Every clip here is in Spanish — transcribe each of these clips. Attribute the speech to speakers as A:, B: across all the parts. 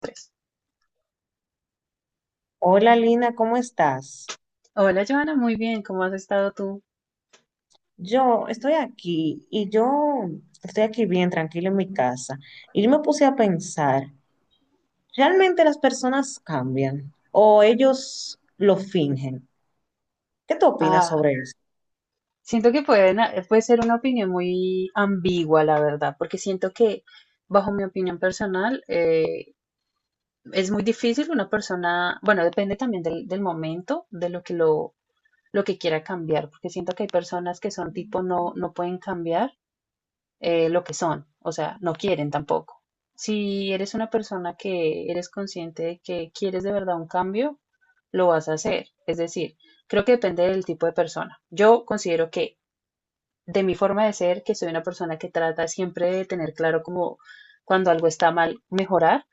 A: Tres.
B: Hola Lina, ¿cómo estás?
A: Hola, Joana, muy bien, ¿cómo has estado tú?
B: Yo estoy aquí bien tranquila en mi casa y yo me puse a pensar, ¿realmente las personas cambian o ellos lo fingen? ¿Qué tú opinas
A: Ah,
B: sobre eso?
A: siento que pueden, puede ser una opinión muy ambigua, la verdad, porque siento que, bajo mi opinión personal, es muy difícil una persona, bueno, depende también del momento, de lo que quiera cambiar, porque siento que hay personas que son tipo no, no pueden cambiar lo que son, o sea, no quieren tampoco. Si eres una persona que eres consciente de que quieres de verdad un cambio, lo vas a hacer. Es decir, creo que depende del tipo de persona. Yo considero que de mi forma de ser, que soy una persona que trata siempre de tener claro como cuando algo está mal, mejorar.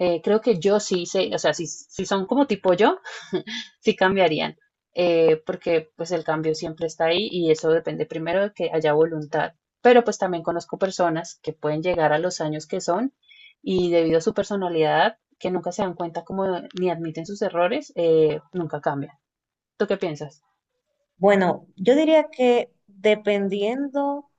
A: Eh, creo que yo sí sé, o sea, si son como tipo yo, sí cambiarían, porque pues el cambio siempre está ahí y eso depende primero de que haya voluntad. Pero pues también conozco personas que pueden llegar a los años que son y debido a su personalidad, que nunca se dan cuenta como ni admiten sus errores, nunca cambian. ¿Tú qué piensas?
B: Bueno, yo diría que dependiendo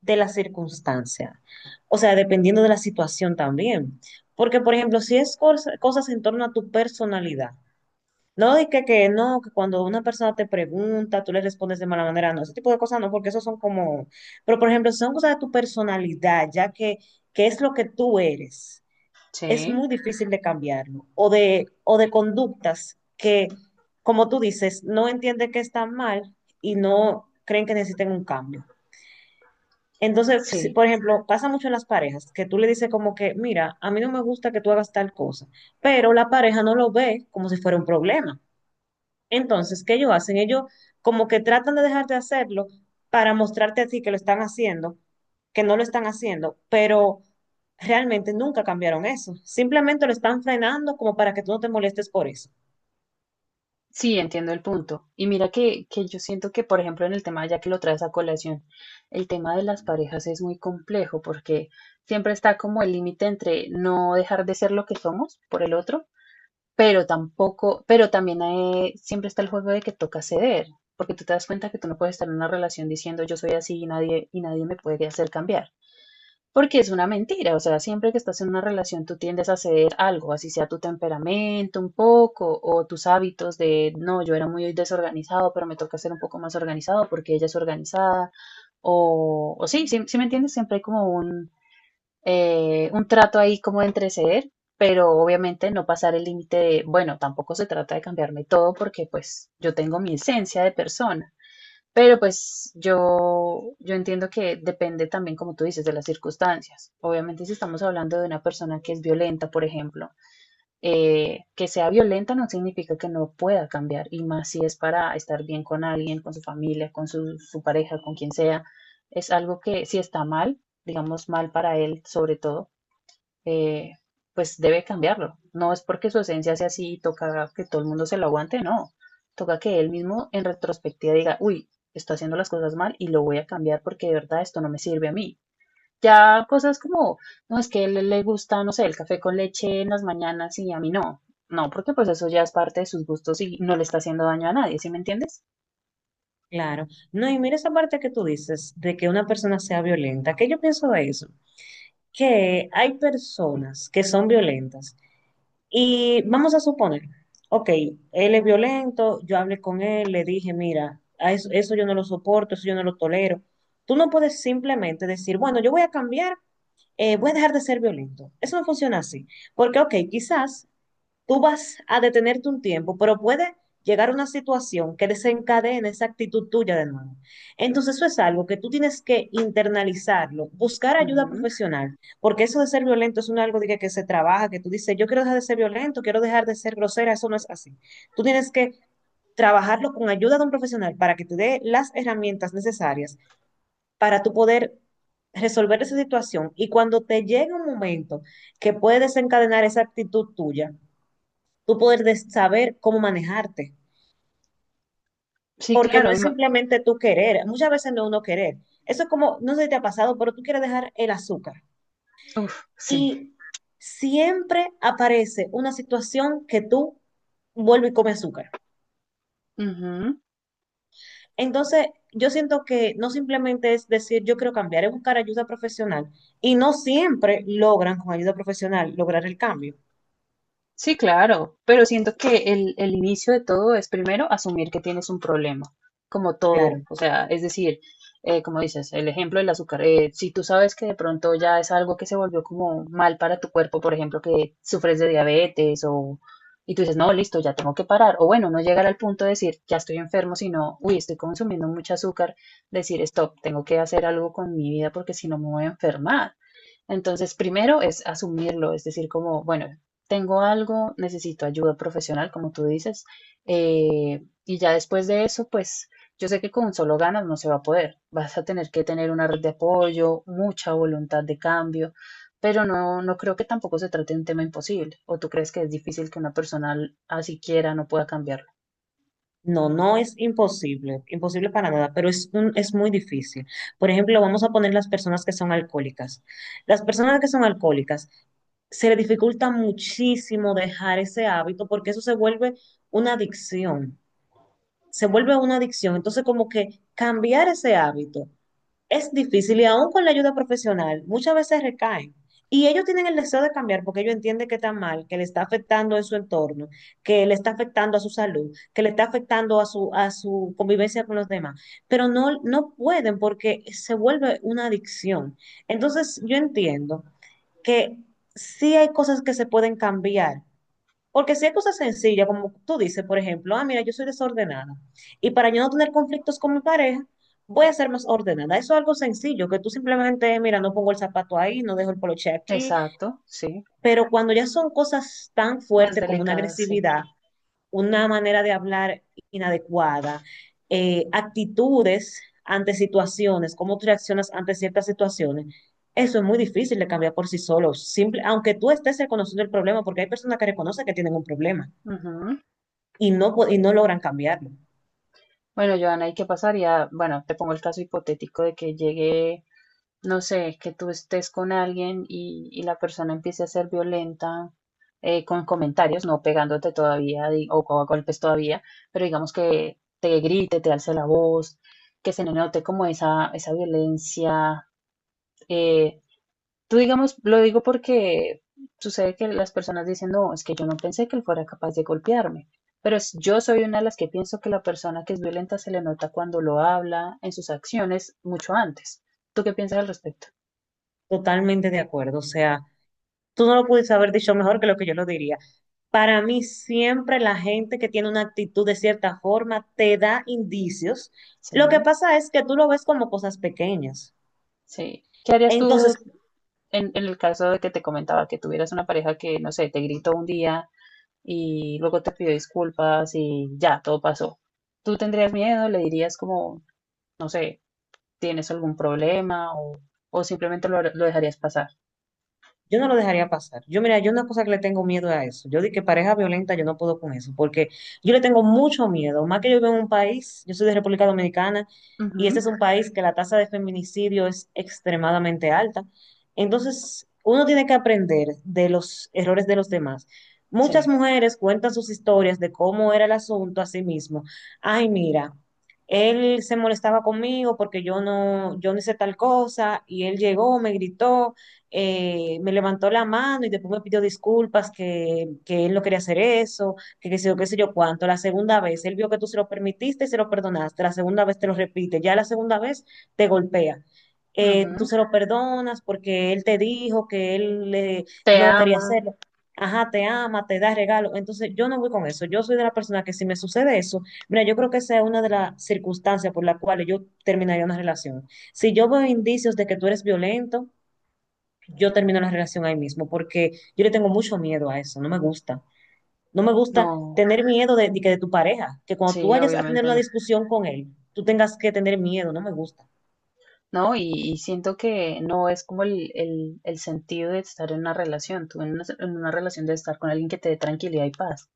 B: de la circunstancia, o sea, dependiendo de la situación también, porque por ejemplo, si es cosas en torno a tu personalidad. No, de que no, que cuando una persona te pregunta, tú le respondes de mala manera, no, ese tipo de cosas no, porque eso son como, pero por ejemplo, son cosas de tu personalidad, ya que es lo que tú eres, es
A: Sí,
B: muy difícil de cambiarlo, o o de conductas que, como tú dices, no entienden que están mal y no creen que necesiten un cambio. Entonces,
A: sí,
B: por ejemplo, pasa mucho en las parejas, que tú le dices como que, mira, a mí no me gusta que tú hagas tal cosa, pero la pareja no lo ve como si fuera un problema. Entonces, ¿qué ellos hacen? Ellos como que tratan de dejar de hacerlo para mostrarte a ti que lo están haciendo, que no lo están haciendo, pero realmente nunca cambiaron eso. Simplemente lo están frenando como para que tú no te molestes por eso.
A: sí, entiendo el punto. Y mira que yo siento que, por ejemplo, en el tema, ya que lo traes a colación, el tema de las parejas es muy complejo porque siempre está como el límite entre no dejar de ser lo que somos por el otro, pero tampoco, pero también siempre está el juego de que toca ceder, porque tú te das cuenta que tú no puedes estar en una relación diciendo yo soy así y nadie me puede hacer cambiar. Porque es una mentira, o sea, siempre que estás en una relación tú tiendes a ceder algo, así sea tu temperamento un poco o tus hábitos de, no, yo era muy desorganizado, pero me toca ser un poco más organizado porque ella es organizada, o sí, sí, sí me entiendes, siempre hay como un trato ahí como entre ceder, pero obviamente no pasar el límite de, bueno, tampoco se trata de cambiarme todo porque pues yo tengo mi esencia de persona. Pero pues yo entiendo que depende también, como tú dices, de las circunstancias. Obviamente si estamos hablando de una persona que es violenta, por ejemplo, que sea violenta no significa que no pueda cambiar, y más si es para estar bien con alguien, con su familia, con su pareja, con quien sea. Es algo que si está mal, digamos mal para él sobre todo, eh, pues debe cambiarlo. No es porque su esencia sea así y toca que todo el mundo se lo aguante, no. Toca que él mismo en retrospectiva diga, uy, estoy haciendo las cosas mal y lo voy a cambiar porque de verdad esto no me sirve a mí. Ya cosas como, no, es que a él le gusta, no sé, el café con leche en las mañanas y a mí no. No, porque pues eso ya es parte de sus gustos y no le está haciendo daño a nadie, ¿sí me entiendes?
B: Claro. No, y mira esa parte que tú dices de que una persona sea violenta. ¿Qué yo pienso de eso? Que hay personas que son violentas. Y vamos a suponer, ok, él es violento, yo hablé con él, le dije, mira, a eso yo no lo soporto, eso yo no lo tolero. Tú no puedes simplemente decir, bueno, yo voy a cambiar, voy a dejar de ser violento. Eso no funciona así. Porque, ok, quizás tú vas a detenerte un tiempo, pero puede llegar una situación que desencadene esa actitud tuya de nuevo. Entonces eso es algo que tú tienes que internalizarlo, buscar ayuda
A: Ujú.
B: profesional, porque eso de ser violento es un algo de que se trabaja, que tú dices, yo quiero dejar de ser violento, quiero dejar de ser grosera, eso no es así. Tú tienes que trabajarlo con ayuda de un profesional para que te dé las herramientas necesarias para tú poder resolver esa situación y cuando te llegue un momento que puede desencadenar esa actitud tuya, tú poder saber cómo manejarte,
A: Sí,
B: porque no
A: claro.
B: es simplemente tú querer, muchas veces no es uno querer. Eso es como, no sé si te ha pasado, pero tú quieres dejar el azúcar
A: Uf, sí.
B: y siempre aparece una situación que tú vuelves y comes azúcar.
A: Ujú.
B: Entonces, yo siento que no simplemente es decir yo quiero cambiar, es buscar ayuda profesional y no siempre logran con ayuda profesional lograr el cambio.
A: Sí, claro, pero siento que el inicio de todo es primero asumir que tienes un problema, como todo,
B: Claro.
A: o sea, es decir, como dices, el ejemplo del azúcar, si tú sabes que de pronto ya es algo que se volvió como mal para tu cuerpo, por ejemplo, que sufres de diabetes o... Y tú dices, no, listo, ya tengo que parar. O bueno, no llegar al punto de decir, ya estoy enfermo, sino, uy, estoy consumiendo mucho azúcar, decir, stop, tengo que hacer algo con mi vida porque si no me voy a enfermar. Entonces, primero es asumirlo, es decir, como, bueno, tengo algo, necesito ayuda profesional, como tú dices, y ya después de eso, pues yo sé que con solo ganas no se va a poder, vas a tener que tener una red de apoyo, mucha voluntad de cambio, pero no, no creo que tampoco se trate de un tema imposible, o tú crees que es difícil que una persona así quiera no pueda cambiarlo.
B: No, no es imposible, imposible para nada, pero es muy difícil. Por ejemplo, vamos a poner las personas que son alcohólicas. Las personas que son alcohólicas se le dificulta muchísimo dejar ese hábito porque eso se vuelve una adicción, se vuelve una adicción. Entonces, como que cambiar ese hábito es difícil y aún con la ayuda profesional, muchas veces recaen. Y ellos tienen el deseo de cambiar porque ellos entienden que está mal, que le está afectando en su entorno, que le está afectando a su salud, que le está afectando a a su convivencia con los demás. Pero no, no pueden porque se vuelve una adicción. Entonces, yo entiendo que sí hay cosas que se pueden cambiar, porque si hay cosas sencillas, como tú dices, por ejemplo, ah, mira, yo soy desordenada. Y para yo no tener conflictos con mi pareja, voy a ser más ordenada. Eso es algo sencillo, que tú simplemente, mira, no pongo el zapato ahí, no dejo el poloche aquí.
A: Exacto, sí,
B: Pero cuando ya son cosas tan
A: más
B: fuertes como una
A: delicada, sí.
B: agresividad, una manera de hablar inadecuada, actitudes ante situaciones, cómo tú reaccionas ante ciertas situaciones, eso es muy difícil de cambiar por sí solo, simple, aunque tú estés reconociendo el problema, porque hay personas que reconocen que tienen un problema
A: Ujú.
B: y y no logran cambiarlo.
A: Bueno, Joana, ¿y qué pasaría? Bueno, te pongo el caso hipotético de que llegue no sé, que tú estés con alguien y la persona empiece a ser violenta con comentarios, no pegándote todavía o a golpes todavía, pero digamos que te grite, te alce la voz, que se le note como esa violencia. eh, Tú digamos, lo digo porque sucede que las personas dicen, no, es que yo no pensé que él fuera capaz de golpearme. Pero es- yo soy una de las que pienso que la persona que es violenta se le nota cuando lo habla, en sus acciones, mucho antes. ¿Tú qué piensas al respecto?
B: Totalmente de acuerdo. O sea, tú no lo pudiste haber dicho mejor que lo que yo lo diría. Para mí, siempre la gente que tiene una actitud de cierta forma te da indicios. Lo que
A: Sí.
B: pasa es que tú lo ves como cosas pequeñas.
A: Sí. ¿Qué harías tú
B: Entonces,
A: en el caso de que te comentaba que tuvieras una pareja que, no sé, te gritó un día y luego te pidió disculpas y ya, todo pasó? ¿Tú tendrías miedo? ¿Le dirías como, no sé, tienes algún problema o simplemente lo dejarías pasar?
B: yo no lo dejaría pasar. Yo, mira, yo una cosa que le tengo miedo a eso. Yo di que pareja violenta, yo no puedo con eso, porque yo le tengo mucho miedo. Más que yo vivo en un país, yo soy de República Dominicana, y este
A: Ujú,
B: es un país que la tasa de feminicidio es extremadamente alta. Entonces, uno tiene que aprender de los errores de los demás. Muchas
A: sí.
B: mujeres cuentan sus historias de cómo era el asunto a sí mismo. Ay, mira, él se molestaba conmigo porque yo no hice tal cosa, y él llegó, me gritó me levantó la mano y después me pidió disculpas, que él no quería hacer eso, que qué sé yo cuánto. La segunda vez, él vio que tú se lo permitiste y se lo perdonaste. La segunda vez te lo repite, ya la segunda vez te golpea. Tú
A: Ujú.
B: se lo perdonas porque él te dijo que él
A: ¿Te
B: no quería
A: ama?
B: hacerlo. Ajá, te ama, te da regalo. Entonces, yo no voy con eso. Yo soy de la persona que si me sucede eso, mira, yo creo que esa es una de las circunstancias por las cuales yo terminaría una relación. Si yo veo indicios de que tú eres violento, yo termino la relación ahí mismo, porque yo le tengo mucho miedo a eso, no me gusta. No me gusta
A: No,
B: tener miedo de que de tu pareja, que cuando tú
A: sí,
B: vayas a tener
A: obviamente
B: una
A: no.
B: discusión con él, tú tengas que tener miedo, no me gusta.
A: No, y siento que no es como el sentido de estar en una relación, tú en una relación de estar con alguien que te dé tranquilidad y paz.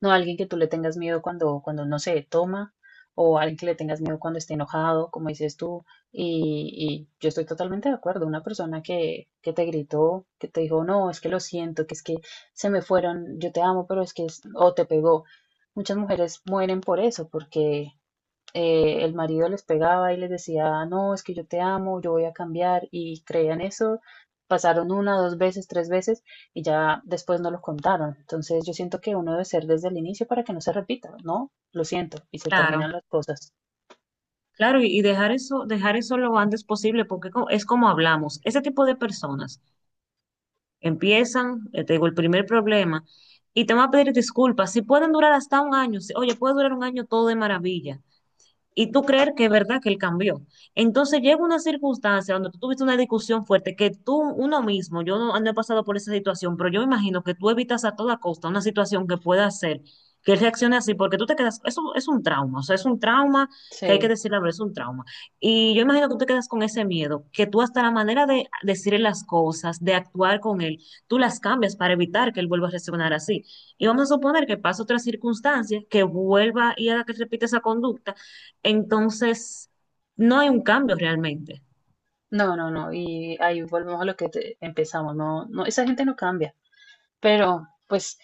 A: No alguien que tú le tengas miedo cuando, cuando no sé, toma, o alguien que le tengas miedo cuando esté enojado, como dices tú. Y yo estoy totalmente de acuerdo. Una persona que te gritó, que te dijo, no, es que lo siento, que es que se me fueron, yo te amo, pero es que, es- o te pegó. Muchas mujeres mueren por eso, porque el marido les pegaba y les decía, no, es que yo te amo, yo voy a cambiar, y creían eso. Pasaron una, dos veces, tres veces y ya después no lo contaron. Entonces yo siento que uno debe ser desde el inicio para que no se repita, ¿no? Lo siento, y se terminan
B: Claro,
A: las cosas.
B: claro, y dejar eso lo antes posible, porque es como hablamos. Ese tipo de personas empiezan, te digo, el primer problema y te van a pedir disculpas. Si pueden durar hasta un año, oye, puede durar un año todo de maravilla, y tú creer que es verdad que él cambió. Entonces llega una circunstancia donde tú tuviste una discusión fuerte que tú, uno mismo, yo no, no he pasado por esa situación, pero yo me imagino que tú evitas a toda costa una situación que pueda hacer que él reaccione así, porque tú te quedas, eso es un trauma, o sea, es un trauma que hay que
A: Sí.
B: decir la verdad, es un trauma. Y yo imagino que tú te quedas con ese miedo, que tú hasta la manera de decirle las cosas, de actuar con él, tú las cambias para evitar que él vuelva a reaccionar así. Y vamos a suponer que pasa otra circunstancia, que vuelva y haga que repita esa conducta entonces, no hay un cambio realmente.
A: No, no, no. Y ahí volvemos a lo que te- empezamos. No, no, esa gente no cambia. Pero pues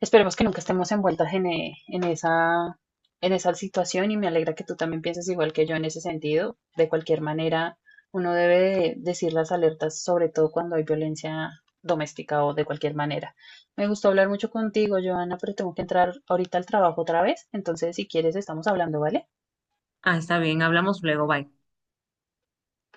A: esperemos que nunca estemos envueltas en, e- en esa situación y me alegra que tú también pienses igual que yo en ese sentido. De cualquier manera, uno debe de decir las alertas, sobre todo cuando hay violencia doméstica o de cualquier manera. Me gustó hablar mucho contigo, Joana, pero tengo que entrar ahorita al trabajo otra vez. Entonces, si quieres, estamos hablando, ¿vale?
B: Ah, está bien, hablamos luego, bye.